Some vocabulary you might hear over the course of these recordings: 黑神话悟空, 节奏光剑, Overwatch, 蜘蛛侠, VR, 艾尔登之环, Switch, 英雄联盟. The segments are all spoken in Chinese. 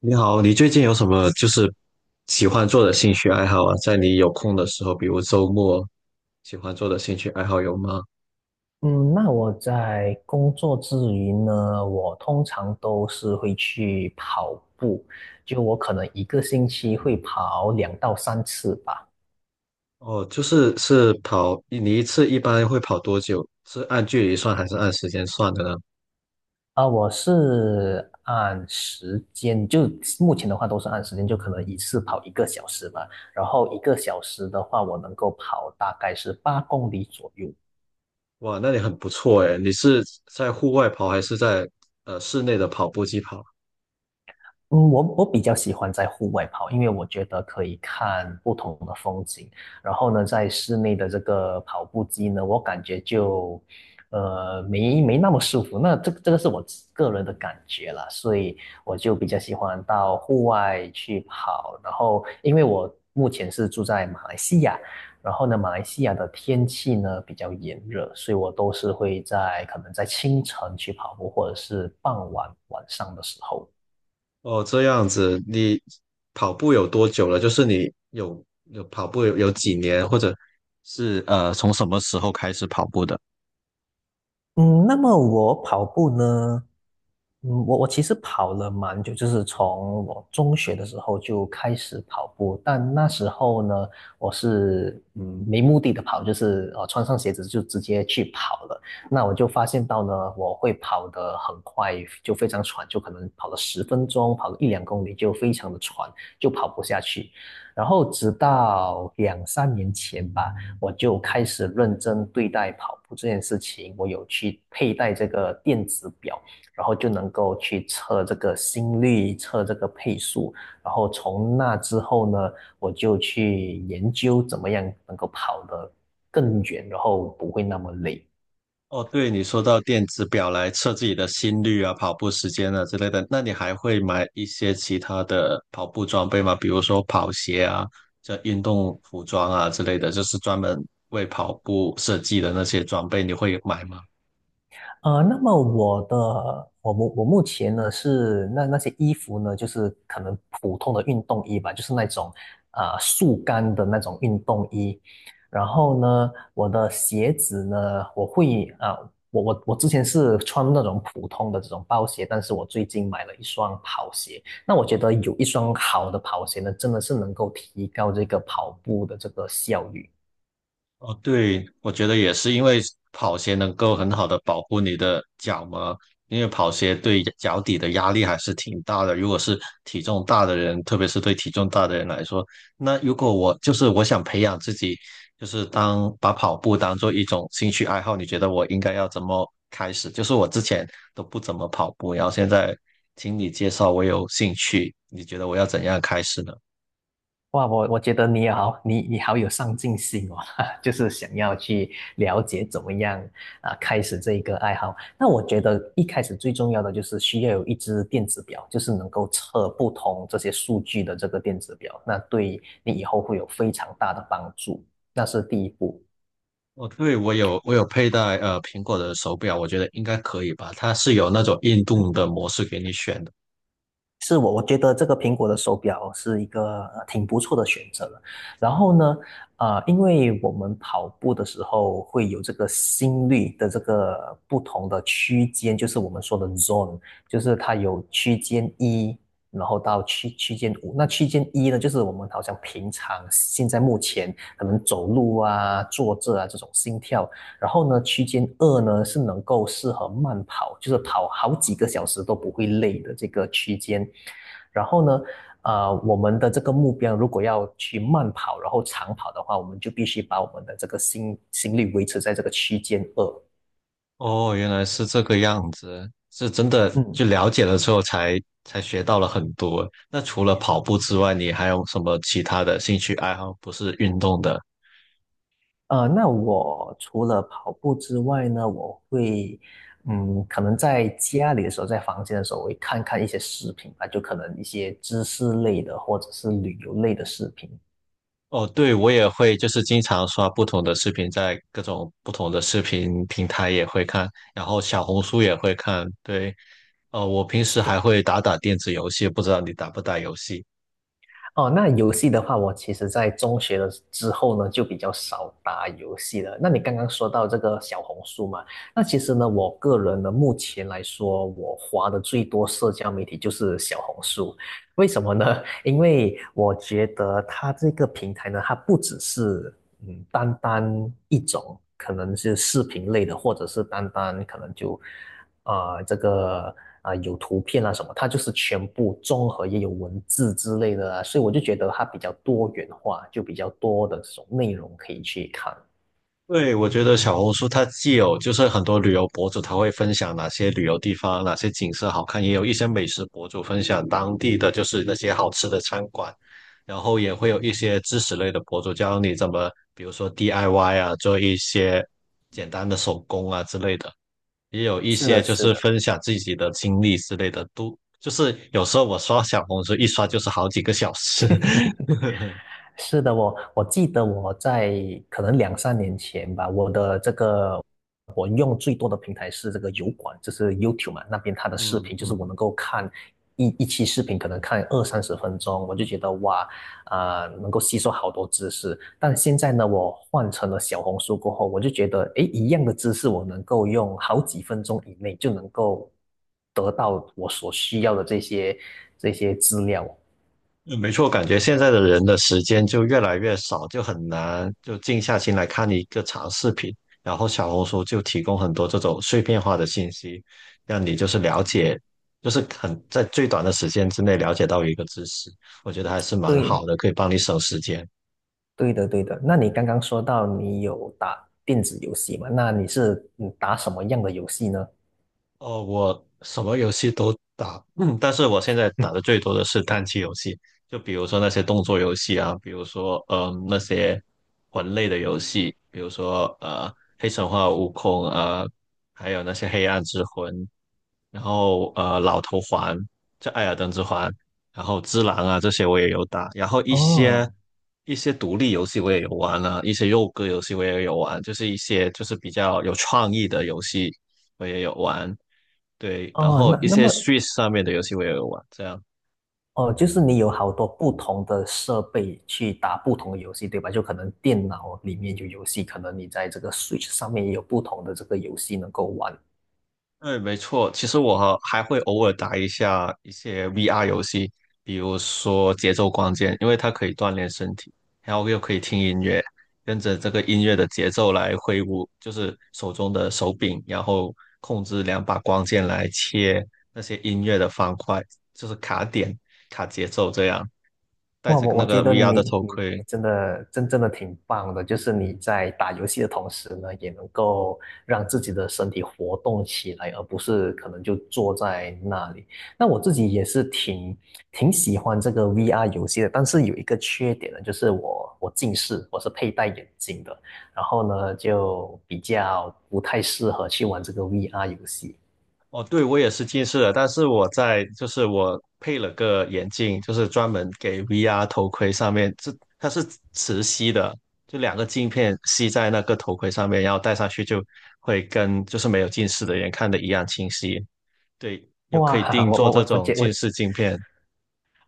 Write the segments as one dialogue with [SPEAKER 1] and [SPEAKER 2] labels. [SPEAKER 1] 你好，你最近有什么就是喜欢做的兴趣爱好啊？在你有空的时候，比如周末，喜欢做的兴趣爱好有吗？
[SPEAKER 2] 嗯，那我在工作之余呢，我通常都是会去跑步，就我可能一个星期会跑两到三次吧。
[SPEAKER 1] 哦，就是跑，你一次一般会跑多久？是按距离算还是按时间算的呢？
[SPEAKER 2] 我是按时间，就目前的话都是按时间，就可能一次跑一个小时吧。然后一个小时的话，我能够跑大概是八公里左右。
[SPEAKER 1] 哇，那你很不错诶，你是在户外跑还是在室内的跑步机跑？
[SPEAKER 2] 嗯，我比较喜欢在户外跑，因为我觉得可以看不同的风景。然后呢，在室内的这个跑步机呢，我感觉就，没那么舒服。那这个是我自个人的感觉啦，所以我就比较喜欢到户外去跑。然后，因为我目前是住在马来西亚，然后呢，马来西亚的天气呢比较炎热，所以我都是会在可能在清晨去跑步，或者是傍晚晚上的时候。
[SPEAKER 1] 哦，这样子，你跑步有多久了？就是你有跑步有几年，或者是从什么时候开始跑步的？
[SPEAKER 2] 嗯，那么我跑步呢？嗯，我其实跑了蛮久，就是从我中学的时候就开始跑步，但那时候呢，我是嗯没目的的跑，就是穿上鞋子就直接去跑了。那我就发现到呢，我会跑得很快，就非常喘，就可能跑了十分钟，跑了一两公里就非常的喘，就跑不下去。然后直到两三年前吧。我就开始认真对待跑步这件事情。我有去佩戴这个电子表，然后就能够去测这个心率、测这个配速。然后从那之后呢，我就去研究怎么样能够跑得更远，然后不会那么累。
[SPEAKER 1] 哦，对，你说到电子表来测自己的心率啊、跑步时间啊之类的，那你还会买一些其他的跑步装备吗？比如说跑鞋啊、这运动服装啊之类的，就是专门为跑步设计的那些装备，你会买吗？
[SPEAKER 2] 呃，那么我的我目前呢是那些衣服呢，就是可能普通的运动衣吧，就是那种速干的那种运动衣。然后呢，我的鞋子呢，我会我之前是穿那种普通的这种包鞋，但是我最近买了一双跑鞋。那我觉得有一双好的跑鞋呢，真的是能够提高这个跑步的这个效率。
[SPEAKER 1] 哦，对，我觉得也是，因为跑鞋能够很好的保护你的脚嘛，因为跑鞋对脚底的压力还是挺大的。如果是体重大的人，特别是对体重大的人来说，那如果我就是我想培养自己，就是当把跑步当做一种兴趣爱好，你觉得我应该要怎么开始？就是我之前都不怎么跑步，然后现在听你介绍，我有兴趣，你觉得我要怎样开始呢？
[SPEAKER 2] 哇，我觉得你好，你好有上进心哦，就是想要去了解怎么样开始这一个爱好。那我觉得一开始最重要的就是需要有一只电子表，就是能够测不同这些数据的这个电子表，那对你以后会有非常大的帮助。那是第一步。
[SPEAKER 1] 哦，对，我有佩戴苹果的手表，我觉得应该可以吧。它是有那种运动的模式给你选的。
[SPEAKER 2] 是我，我觉得这个苹果的手表是一个挺不错的选择了。然后呢，因为我们跑步的时候会有这个心率的这个不同的区间，就是我们说的 zone，就是它有区间一，然后到区间五。那区间一呢，就是我们好像平常现在目前可能走路啊、坐着啊这种心跳。然后呢，区间二呢是能够适合慢跑，就是跑好几个小时都不会累的这个区间。然后呢，我们的这个目标如果要去慢跑，然后长跑的话，我们就必须把我们的这个心率维持在这个区间二。
[SPEAKER 1] 哦，原来是这个样子，是真的就
[SPEAKER 2] 嗯，
[SPEAKER 1] 了解了之后才学到了很多。那除了跑步之外，你还有什么其他的兴趣爱好？不是运动的？
[SPEAKER 2] 那我除了跑步之外呢，我会，嗯，可能在家里的时候，在房间的时候，我会看看一些视频吧，就可能一些知识类的或者是旅游类的视频。
[SPEAKER 1] 哦，对，我也会，就是经常刷不同的视频，在各种不同的视频平台也会看，然后小红书也会看。对，我平时还会打打电子游戏，不知道你打不打游戏？
[SPEAKER 2] 哦，那游戏的话，我其实在中学的之后呢，就比较少打游戏了。那你刚刚说到这个小红书嘛，那其实呢，我个人呢，目前来说，我花的最多社交媒体就是小红书。为什么呢？因为我觉得它这个平台呢，它不只是嗯，单单一种，可能是视频类的，或者是单单可能就，这个有图片啊什么，它就是全部综合，也有文字之类的啊，所以我就觉得它比较多元化，就比较多的这种内容可以去看。
[SPEAKER 1] 对，我觉得小红书它既有就是很多旅游博主，他会分享哪些旅游地方、哪些景色好看，也有一些美食博主分享当地的就是那些好吃的餐馆，然后也会有一些知识类的博主教你怎么，比如说 DIY 啊，做一些简单的手工啊之类的，也有一
[SPEAKER 2] 是
[SPEAKER 1] 些
[SPEAKER 2] 的，
[SPEAKER 1] 就
[SPEAKER 2] 是
[SPEAKER 1] 是
[SPEAKER 2] 的，
[SPEAKER 1] 分享自己的经历之类的，都就是有时候我刷小红书一刷就是好几个小时，
[SPEAKER 2] 是的，我记得我在可能两三年前吧，我的这个用最多的平台是这个油管，就是 YouTube 嘛，那边它的视
[SPEAKER 1] 嗯
[SPEAKER 2] 频就是我
[SPEAKER 1] 嗯。
[SPEAKER 2] 能够看一期视频，可能看二三十分钟，我就觉得哇，能够吸收好多知识。但现在呢，我换成了小红书过后，我就觉得，诶，一样的知识我能够用好几分钟以内就能够得到我所需要的这些资料。
[SPEAKER 1] 嗯没错，感觉现在的人的时间就越来越少，就很难就静下心来看一个长视频。然后小红书就提供很多这种碎片化的信息，让你就是了解，就是很在最短的时间之内了解到一个知识，我觉得还是蛮好
[SPEAKER 2] 对，
[SPEAKER 1] 的，可以帮你省时间。
[SPEAKER 2] 对的，对的。那你刚刚说到你有打电子游戏嘛？那你是嗯打什么样的游戏呢？
[SPEAKER 1] 哦，我什么游戏都打，但是我现在打的最多的是单机游戏，就比如说那些动作游戏啊，比如说那些魂类的游戏，比如说黑神话悟空啊、还有那些黑暗之魂，然后老头环，这艾尔登之环，然后之狼啊这些我也有打，然后一些
[SPEAKER 2] 哦
[SPEAKER 1] 一些独立游戏我也有玩啊，一些肉鸽游戏我也有玩，就是一些就是比较有创意的游戏我也有玩。对，然
[SPEAKER 2] 哦，
[SPEAKER 1] 后
[SPEAKER 2] 那
[SPEAKER 1] 一
[SPEAKER 2] 那
[SPEAKER 1] 些
[SPEAKER 2] 么
[SPEAKER 1] Switch 上面的游戏我也有玩，这样。
[SPEAKER 2] 哦，就是你有好多不同的设备去打不同的游戏，对吧？就可能电脑里面有游戏，可能你在这个 Switch 上面也有不同的这个游戏能够玩。
[SPEAKER 1] 对，没错。其实我还会偶尔打一下一些 VR 游戏，比如说节奏光剑，因为它可以锻炼身体，然后又可以听音乐，跟着这个音乐的节奏来挥舞，就是手中的手柄，然后控制两把光剑来切那些音乐的方块，就是卡点、卡节奏这样。戴
[SPEAKER 2] 哇，
[SPEAKER 1] 着
[SPEAKER 2] 我
[SPEAKER 1] 那
[SPEAKER 2] 觉
[SPEAKER 1] 个
[SPEAKER 2] 得
[SPEAKER 1] VR
[SPEAKER 2] 你
[SPEAKER 1] 的头
[SPEAKER 2] 你
[SPEAKER 1] 盔，
[SPEAKER 2] 你真的真正的挺棒的，就是你在打游戏的同时呢，也能够让自己的身体活动起来，而不是可能就坐在那里。那我自己也是挺喜欢这个 VR 游戏的，但是有一个缺点呢，就是我近视，我是佩戴眼镜的，然后呢就比较不太适合去玩这个 VR 游戏。
[SPEAKER 1] 哦，对，我也是近视的，但是就是我配了个眼镜，就是专门给 VR 头盔上面，它是磁吸的，就两个镜片吸在那个头盔上面，然后戴上去就会跟就是没有近视的人看的一样清晰。对，又可以
[SPEAKER 2] 哇，
[SPEAKER 1] 定
[SPEAKER 2] 我
[SPEAKER 1] 做
[SPEAKER 2] 我
[SPEAKER 1] 这
[SPEAKER 2] 我我
[SPEAKER 1] 种
[SPEAKER 2] 觉我
[SPEAKER 1] 近视镜片。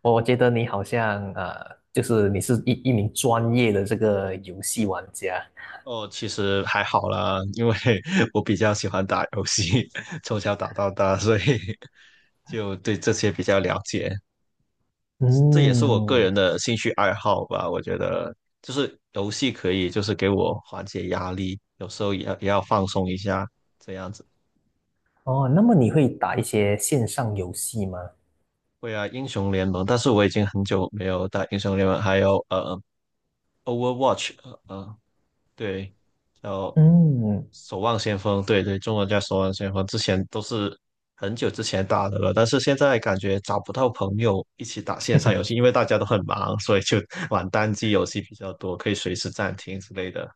[SPEAKER 2] 我觉得你好像就是你是一名专业的这个游戏玩家。
[SPEAKER 1] 哦，其实还好啦，因为 我比较喜欢打游戏，从小打到大，所以 就对这些比较了解。这也是我个
[SPEAKER 2] 嗯。
[SPEAKER 1] 人的兴趣爱好吧。我觉得就是游戏可以，就是给我缓解压力，有时候也要放松一下，这样子。
[SPEAKER 2] 哦，那么你会打一些线上游戏吗？
[SPEAKER 1] 会啊，英雄联盟，但是我已经很久没有打英雄联盟，还有Overwatch，对，叫
[SPEAKER 2] 嗯。
[SPEAKER 1] 守望先锋，对对，中文叫守望先锋，之前都是很久之前打的了，但是现在感觉找不到朋友一起打线上游戏，因为大家都很忙，所以就 玩单机游戏比较多，可以随时暂停之类的。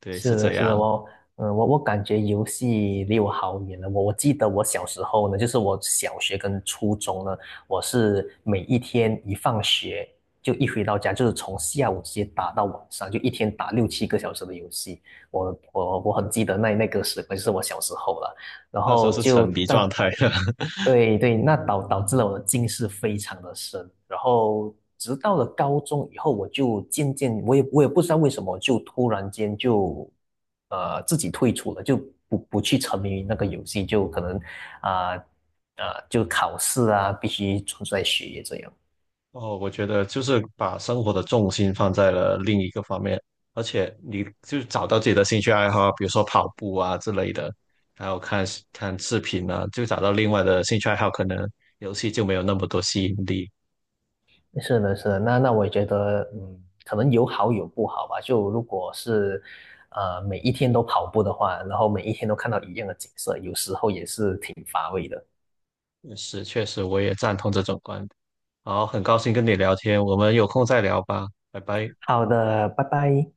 [SPEAKER 1] 对，是
[SPEAKER 2] 是的，
[SPEAKER 1] 这
[SPEAKER 2] 是的，
[SPEAKER 1] 样。
[SPEAKER 2] 我，嗯，我感觉游戏离我好远了。我记得我小时候呢，就是我小学跟初中呢，我是每一天一放学就一回到家，就是从下午直接打到晚上，就一天打六七个小时的游戏。我很记得那个时光，就是我小时候了。然
[SPEAKER 1] 那时候
[SPEAKER 2] 后
[SPEAKER 1] 是沉
[SPEAKER 2] 就
[SPEAKER 1] 迷
[SPEAKER 2] 但
[SPEAKER 1] 状态的。
[SPEAKER 2] 对对，那导致了我的近视非常的深，然后直到了高中以后，我就渐渐我也不知道为什么，就突然间就自己退出了，就不去沉迷于那个游戏，就可能啊啊、就考试啊必须专注在学业这样。
[SPEAKER 1] 哦，我觉得就是把生活的重心放在了另一个方面，而且你就找到自己的兴趣爱好，比如说跑步啊之类的，还有看看视频啊，就找到另外的兴趣爱好，可能游戏就没有那么多吸引力。
[SPEAKER 2] 是的，是的，那那我也觉得，嗯，可能有好有不好吧。就如果是，每一天都跑步的话，然后每一天都看到一样的景色，有时候也是挺乏味的。
[SPEAKER 1] 是，确实我也赞同这种观点。好，很高兴跟你聊天，我们有空再聊吧，拜拜。
[SPEAKER 2] 好的，拜拜。